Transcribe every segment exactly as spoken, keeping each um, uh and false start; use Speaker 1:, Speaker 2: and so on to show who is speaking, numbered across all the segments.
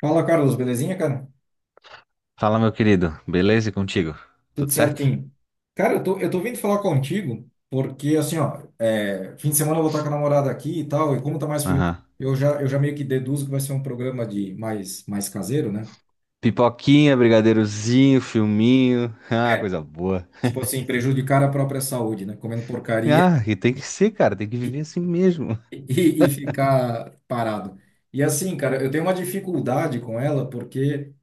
Speaker 1: Fala, Carlos, belezinha, cara?
Speaker 2: Fala, meu querido. Beleza e contigo?
Speaker 1: Tudo
Speaker 2: Tudo certo?
Speaker 1: certinho. Cara, eu tô, eu tô vindo falar contigo porque, assim, ó, é, fim de semana eu vou estar com a namorada aqui e tal, e como tá mais frio,
Speaker 2: Aham.
Speaker 1: eu já, eu já meio que deduzo que vai ser um programa de mais, mais caseiro, né?
Speaker 2: Pipoquinha, brigadeirozinho, filminho. Ah, coisa boa.
Speaker 1: Tipo assim, prejudicar a própria saúde, né? Comendo porcaria
Speaker 2: Ah, e tem que ser, cara. Tem que
Speaker 1: e,
Speaker 2: viver assim mesmo.
Speaker 1: e, e ficar parado. E assim, cara, eu tenho uma dificuldade com ela porque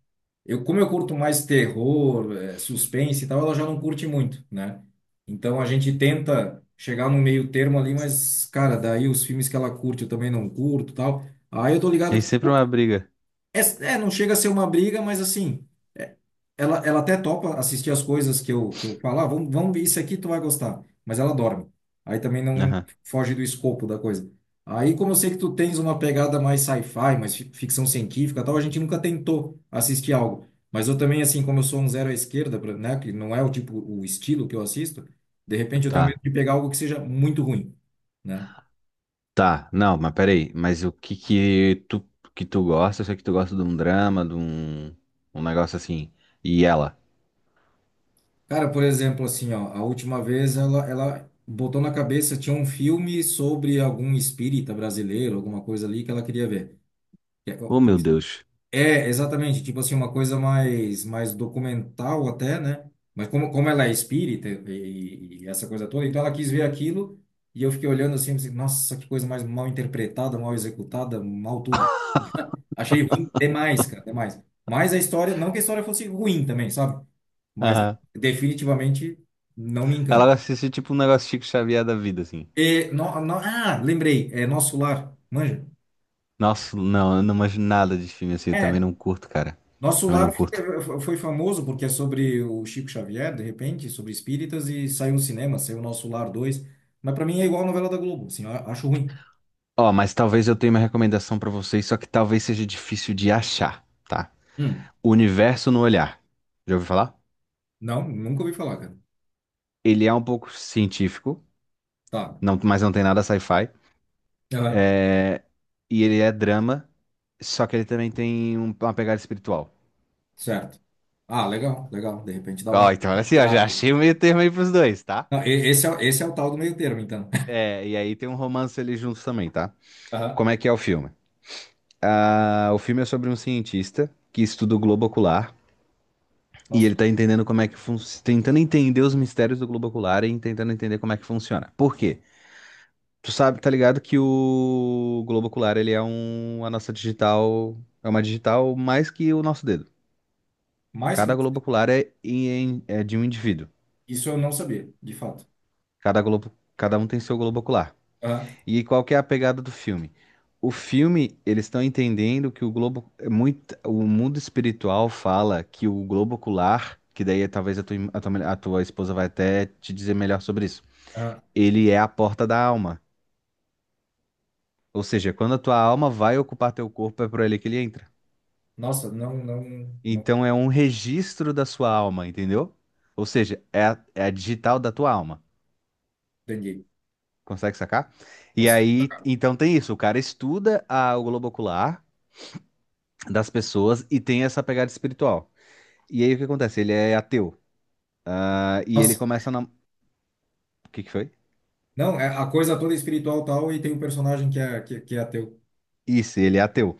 Speaker 1: Eu, como eu curto mais terror, eh, suspense e tal, ela já não curte muito, né? Então a gente tenta chegar no meio termo ali, mas, cara, daí os filmes que ela curte eu também não curto e tal. Aí eu tô ligado
Speaker 2: Tem
Speaker 1: que tu
Speaker 2: sempre uma briga.
Speaker 1: é, é, não chega a ser uma briga, mas assim, é, ela, ela até topa assistir as coisas que eu, que eu falar, vamos, vamos ver isso aqui, tu vai gostar. Mas ela dorme. Aí também não
Speaker 2: Aham.
Speaker 1: foge do escopo da coisa. Aí, como eu sei que tu tens uma pegada mais sci-fi, mais fi- ficção científica, e tal, a gente nunca tentou assistir algo. Mas eu também, assim, como eu sou um zero à esquerda, pra- né, que não é o tipo, o estilo que eu assisto, de repente eu tenho
Speaker 2: Tá,
Speaker 1: medo de pegar algo que seja muito ruim, né?
Speaker 2: tá. Não, mas peraí. Mas o que que tu, que tu gosta? Eu sei que tu gosta de um drama, de um, um negócio assim. E ela?
Speaker 1: Cara, por exemplo, assim, ó, a última vez ela, ela botou na cabeça, tinha um filme sobre algum espírita brasileiro, alguma coisa ali que ela queria ver. É,
Speaker 2: Oh, meu Deus.
Speaker 1: é, exatamente, tipo assim, uma coisa mais, mais documental até, né? Mas como, como ela é espírita e, e essa coisa toda, então ela quis ver aquilo e eu fiquei olhando assim, assim, nossa, que coisa mais mal interpretada, mal executada, mal tudo. Achei ruim demais, cara, demais. Mas a história, não que a história fosse ruim também, sabe? Mas
Speaker 2: Aham.
Speaker 1: definitivamente não me
Speaker 2: Ela
Speaker 1: encanta.
Speaker 2: gosta de assistir tipo um negócio Chico Xavier da vida, assim.
Speaker 1: E, no, no- ah, lembrei, é Nosso Lar, manja?
Speaker 2: Nossa, não, eu não manjo nada de filme assim. Eu também
Speaker 1: É,
Speaker 2: não curto, cara.
Speaker 1: Nosso
Speaker 2: Também não
Speaker 1: Lar
Speaker 2: curto.
Speaker 1: fica- foi famoso porque é sobre o Chico Xavier, de repente, sobre espíritas, e saiu no cinema, saiu Nosso Lar dois. Mas pra mim é igual a novela da Globo, assim, eu acho ruim.
Speaker 2: Ó, mas talvez eu tenha uma recomendação pra vocês, só que talvez seja difícil de achar, tá?
Speaker 1: Hum,
Speaker 2: O Universo no Olhar. Já ouviu falar?
Speaker 1: não, nunca ouvi falar, cara.
Speaker 2: Ele é um pouco científico,
Speaker 1: Tá,
Speaker 2: não, mas não tem nada sci-fi.
Speaker 1: aham,
Speaker 2: é, E ele é drama, só que ele também tem um- uma pegada espiritual.
Speaker 1: certo. Ah, legal, legal, de repente dá uma
Speaker 2: Ó, então olha assim, ó, já
Speaker 1: misturada aí.
Speaker 2: achei o meio termo aí pros dois, tá?
Speaker 1: Não, e- esse é, o- esse é o tal do meio termo, então.
Speaker 2: É, e aí tem um romance ali juntos também, tá?
Speaker 1: Aham.
Speaker 2: Como é que é o filme? Ah, o filme é sobre um cientista que estuda o globo ocular. E
Speaker 1: Nossa,
Speaker 2: ele tá entendendo como é que funciona, tentando entender os mistérios do globo ocular e tentando entender como é que funciona. Por quê? Tu sabe, tá ligado que o globo ocular, ele é um, a nossa digital, é uma digital mais que o nosso dedo.
Speaker 1: mais que
Speaker 2: Cada globo ocular é, em- é de um indivíduo.
Speaker 1: isso eu não sabia, de fato.
Speaker 2: Cada globo, cada um tem seu globo ocular.
Speaker 1: Aham,
Speaker 2: E qual que é a pegada do filme? O filme, eles estão entendendo que o globo é muito, o mundo espiritual fala que o globo ocular, que daí é, talvez a tua, a tua a tua esposa vai até te dizer melhor sobre isso.
Speaker 1: aham.
Speaker 2: Ele é a porta da alma. Ou seja, quando a tua alma vai ocupar teu corpo, é por ele que ele entra.
Speaker 1: Nossa, não, não, não
Speaker 2: Então é um registro da sua alma, entendeu? Ou seja, é a, é a digital da tua alma.
Speaker 1: entendi.
Speaker 2: Consegue sacar? E
Speaker 1: Nossa,
Speaker 2: aí, então tem isso. O cara estuda a, o globo ocular das pessoas e tem essa pegada espiritual. E aí o que acontece? Ele é ateu. Ah, e ele
Speaker 1: nossa.
Speaker 2: começa a... nam- O que que foi?
Speaker 1: Não, é a coisa toda é espiritual tal e tem um personagem que é, que, que é ateu.
Speaker 2: Isso, ele é ateu.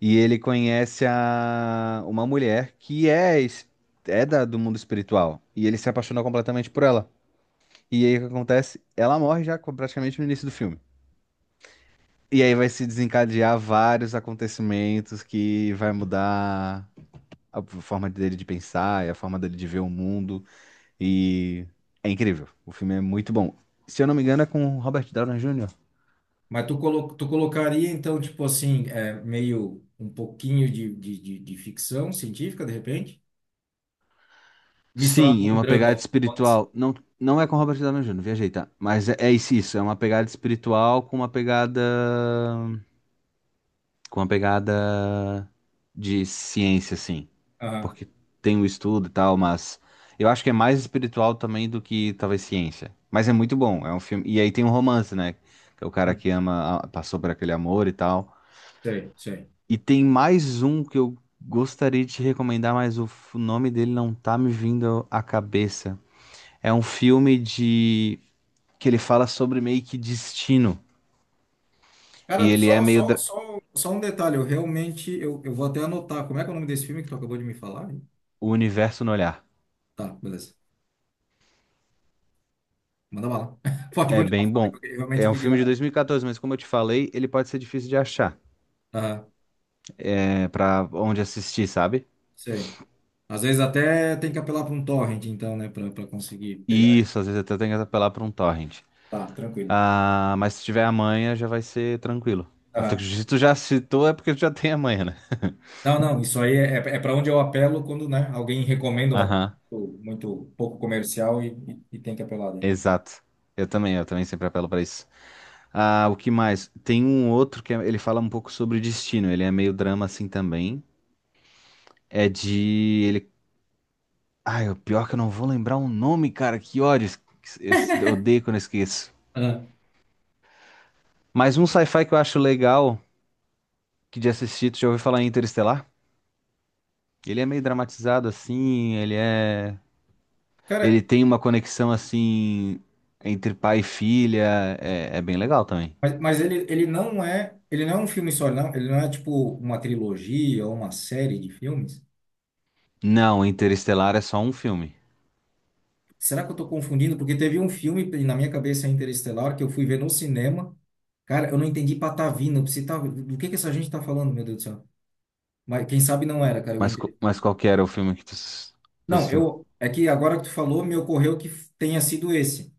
Speaker 2: E ele conhece a... uma mulher que é, es- é da- do mundo espiritual. E ele se apaixona completamente por ela. E aí o que acontece? Ela morre já co- praticamente no início do filme. E aí vai se desencadear vários acontecimentos que vai mudar a forma dele de pensar e a forma dele de ver o mundo. E é incrível. O filme é muito bom. Se eu não me engano, é com o Robert Downey júnior
Speaker 1: Mas tu, colo, tu colocaria, então, tipo assim, é, meio um pouquinho de, de, de, de ficção científica, de repente, misturado
Speaker 2: Sim,
Speaker 1: com
Speaker 2: e
Speaker 1: um
Speaker 2: uma
Speaker 1: drama,
Speaker 2: pegada
Speaker 1: um romance.
Speaker 2: espiritual. Não, não é com Robert Downey júnior, viajei, tá? Mas é, é isso, isso, é uma pegada espiritual com uma pegada. Com uma pegada de ciência, assim.
Speaker 1: Aham,
Speaker 2: Porque tem o estudo e tal, mas eu acho que é mais espiritual também do que talvez ciência. Mas é muito bom, é um filme. E aí tem um romance, né? Que é o cara
Speaker 1: hum,
Speaker 2: que ama, a- passou por aquele amor e tal.
Speaker 1: sei, sei.
Speaker 2: E tem mais um que eu gostaria de te recomendar, mas o f- nome dele não tá me vindo à cabeça. É um filme de que ele fala sobre meio que destino e
Speaker 1: Cara,
Speaker 2: ele é
Speaker 1: só,
Speaker 2: meio
Speaker 1: só,
Speaker 2: dra-
Speaker 1: só, só um detalhe, eu realmente, eu, eu vou até anotar, como é que é o nome desse filme que tu acabou de me falar?
Speaker 2: o universo no olhar.
Speaker 1: Tá, beleza, manda bala. Pode
Speaker 2: É
Speaker 1: continuar
Speaker 2: bem
Speaker 1: falando,
Speaker 2: bom.
Speaker 1: que eu realmente
Speaker 2: É um filme de
Speaker 1: queria...
Speaker 2: dois mil e quatorze, mas como eu te falei, ele pode ser difícil de achar.
Speaker 1: Aham,
Speaker 2: É para onde assistir, sabe?
Speaker 1: sei. Às vezes até tem que apelar para um torrent, então, né, para para conseguir pegar.
Speaker 2: Isso, às vezes até tem que apelar pra um torrent.
Speaker 1: Tá, tranquilo.
Speaker 2: Ah, mas se tiver amanhã já vai ser tranquilo. Até que
Speaker 1: Aham.
Speaker 2: se tu já citou é porque tu já tem amanhã, né?
Speaker 1: Não, não, isso aí é, é para onde eu apelo quando, né, alguém recomenda uma coisa
Speaker 2: Aham,
Speaker 1: muito muito pouco comercial e, e, e tem que apelar daí.
Speaker 2: exato. Eu também, eu também sempre apelo pra isso. Ah, o que mais? Tem um outro que é- ele fala um pouco sobre destino. Ele é meio drama assim também. É de ele. Ai, o pior é que eu não vou lembrar o nome, cara. Que ódio. Es- es- Eu odeio quando eu esqueço.
Speaker 1: Aham.
Speaker 2: Mas um sci-fi que eu acho legal que de assistir, tu já ouviu falar em Interestelar? Ele é meio dramatizado assim, ele é.
Speaker 1: Cara,
Speaker 2: Ele tem uma conexão assim entre pai e filha. É, é bem legal também.
Speaker 1: Mas, mas ele, ele não é, ele não é um filme só, não. Ele não é tipo uma trilogia ou uma série de filmes.
Speaker 2: Não, Interestelar é só um filme.
Speaker 1: Será que eu tô confundindo? Porque teve um filme na minha cabeça Interestelar que eu fui ver no cinema. Cara, eu não entendi patavina. Você tá, do que que essa gente tá falando, meu Deus do céu? Mas quem sabe não era, cara, o
Speaker 2: Mas, co-
Speaker 1: Interestelar.
Speaker 2: mas qual que era o filme que tu, tu
Speaker 1: Não,
Speaker 2: assistiu?
Speaker 1: eu é que agora que tu falou, me ocorreu que tenha sido esse.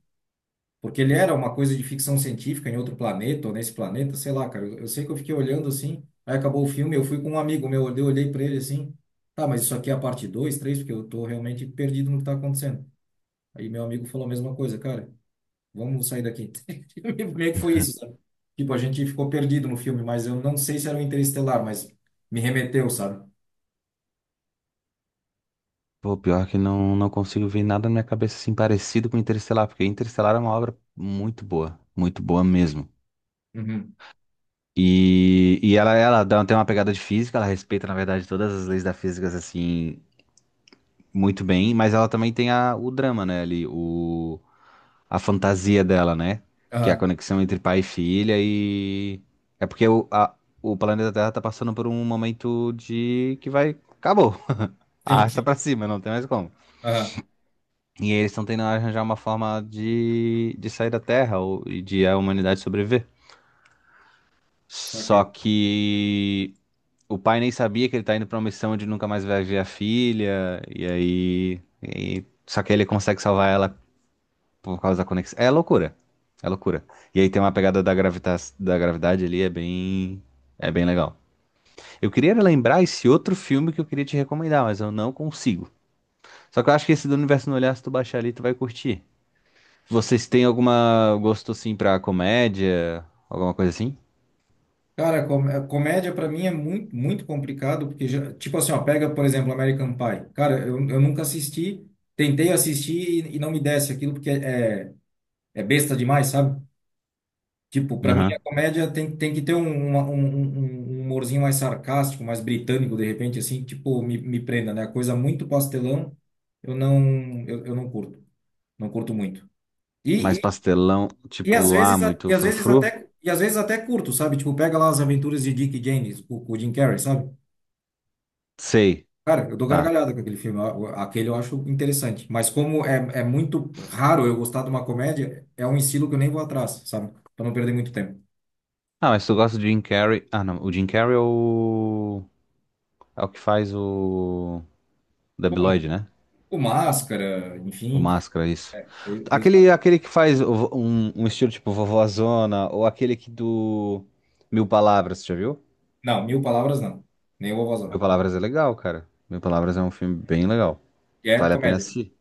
Speaker 1: Porque ele era uma coisa de ficção científica em outro planeta, ou nesse planeta, sei lá, cara. Eu, eu sei que eu fiquei olhando assim, aí acabou o filme, eu fui com um amigo meu, eu olhei pra ele assim, tá, mas isso aqui é a parte dois, três, porque eu tô realmente perdido no que tá acontecendo. Aí meu amigo falou a mesma coisa, cara, vamos sair daqui. Meio que foi isso, sabe? Tipo, a gente ficou perdido no filme, mas eu não sei se era o Interestelar, mas me remeteu, sabe?
Speaker 2: Pô, pior que não, não consigo ver nada na minha cabeça assim parecido com Interestelar, porque Interestelar é uma obra muito boa, muito boa mesmo.
Speaker 1: Uhum.
Speaker 2: E, e ela, ela dá- tem uma pegada de física, ela respeita, na verdade, todas as leis da física, assim, muito bem, mas ela também tem a, o drama, né, ali, o, a fantasia dela, né, que é a
Speaker 1: Aham.
Speaker 2: conexão entre pai e filha e... É porque o, a- o planeta Terra tá passando por um momento de... que vai... acabou,
Speaker 1: Sim,
Speaker 2: arrasta
Speaker 1: sim.
Speaker 2: pra cima, não tem mais como.
Speaker 1: Aham,
Speaker 2: E eles estão tentando arranjar uma forma de, de sair da Terra ou, e de a humanidade sobreviver.
Speaker 1: saquei.
Speaker 2: Só que o pai nem sabia que ele tá indo pra uma missão onde nunca mais vai ver a filha. E aí. e- só que ele consegue salvar ela por causa da conexão. É loucura. É loucura. E aí tem uma pegada da gravita, da gravidade ali, é bem. É bem legal. Eu queria lembrar esse outro filme que eu queria te recomendar, mas eu não consigo. Só que eu acho que esse do Universo no Olhar, se tu baixar ali, tu vai curtir. Vocês têm alguma gosto assim pra comédia? Alguma coisa assim?
Speaker 1: Cara, com- é, comédia pra mim é muito, muito complicado, porque, já, tipo assim, ó, pega, por exemplo, American Pie. Cara, eu, eu nunca assisti, tentei assistir e, e não me desce aquilo, porque é, é besta demais, sabe? Tipo, pra mim a
Speaker 2: Aham.
Speaker 1: comédia tem, tem que ter um, uma- um, um- um um humorzinho mais sarcástico, mais britânico, de repente, assim, tipo, me, me prenda, né? Coisa muito pastelão, eu não, eu, eu não curto, não curto muito. E,
Speaker 2: Mais
Speaker 1: e,
Speaker 2: pastelão,
Speaker 1: e às
Speaker 2: tipo, ah,
Speaker 1: vezes, a-
Speaker 2: muito
Speaker 1: e às vezes
Speaker 2: frufru?
Speaker 1: até, e às vezes até curto, sabe? Tipo, pega lá as aventuras de Dick e Jane, com com o Jim Carrey, sabe?
Speaker 2: Sei,
Speaker 1: Cara, eu dou
Speaker 2: tá.
Speaker 1: gargalhada com aquele filme. Eu- eu- Aquele eu acho interessante. Mas como é, é muito raro eu gostar de uma comédia, é um estilo que eu nem vou atrás, sabe? Pra não perder muito tempo.
Speaker 2: Ah, mas tu gosta do Jim Carrey? Ah, não. O Jim Carrey é o. É o que faz o. Debiloid,
Speaker 1: Bom,
Speaker 2: né?
Speaker 1: o Máscara,
Speaker 2: O
Speaker 1: enfim,
Speaker 2: Máscara, isso.
Speaker 1: fez, fez
Speaker 2: Aquele,
Speaker 1: várias.
Speaker 2: aquele que faz o vo- um, um estilo tipo vovózona, ou aquele que do. Mil Palavras, você já viu?
Speaker 1: Não, mil palavras não. Nem o
Speaker 2: Mil
Speaker 1: Vovozão.
Speaker 2: Palavras é legal, cara. Mil Palavras é um filme bem legal.
Speaker 1: E é
Speaker 2: Vale a pena
Speaker 1: comédia.
Speaker 2: assistir.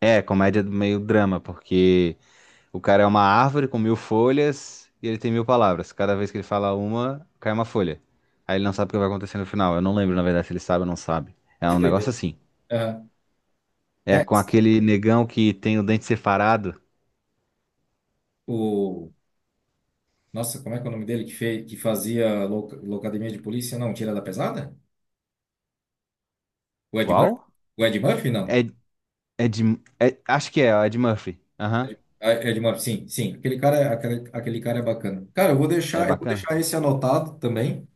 Speaker 2: É, comédia do meio drama, porque. O cara é uma árvore com mil folhas e ele tem mil palavras. Cada vez que ele fala uma, cai uma folha. Aí ele não sabe o que vai acontecer no final. Eu não lembro, na verdade, se ele sabe ou não sabe. É
Speaker 1: Que
Speaker 2: um negócio
Speaker 1: doideira.
Speaker 2: assim.
Speaker 1: Aham.
Speaker 2: É
Speaker 1: É,
Speaker 2: com aquele negão que tem o dente separado.
Speaker 1: o... Nossa, como é que é o nome dele que, fez, que fazia loca- Locademia de Polícia? Não, Tira da Pesada? O Ed Murphy?
Speaker 2: Qual?
Speaker 1: O Ed Murphy,
Speaker 2: É,
Speaker 1: não.
Speaker 2: é de. é- acho que é, ó, é de Murphy. Aham.
Speaker 1: Ah, é de uma... Sim, sim. Aquele cara, é- aquele, aquele cara é bacana. Cara, eu vou
Speaker 2: É
Speaker 1: deixar, eu vou
Speaker 2: bacana.
Speaker 1: deixar esse anotado também.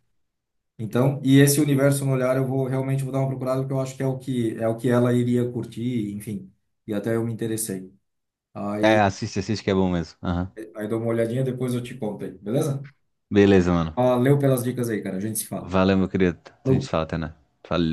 Speaker 1: Então, e esse universo no olhar eu vou realmente vou dar uma procurada porque eu acho que é o que é o que ela iria curtir, enfim. E até eu me interessei. Aí,
Speaker 2: É, assiste, assiste que é bom mesmo. Aham.
Speaker 1: aí dou uma olhadinha, depois eu te conto aí, beleza?
Speaker 2: Beleza, mano.
Speaker 1: Valeu pelas dicas aí, cara. A gente se fala.
Speaker 2: Valeu, meu querido. A gente
Speaker 1: Falou.
Speaker 2: fala até, né? Valeu.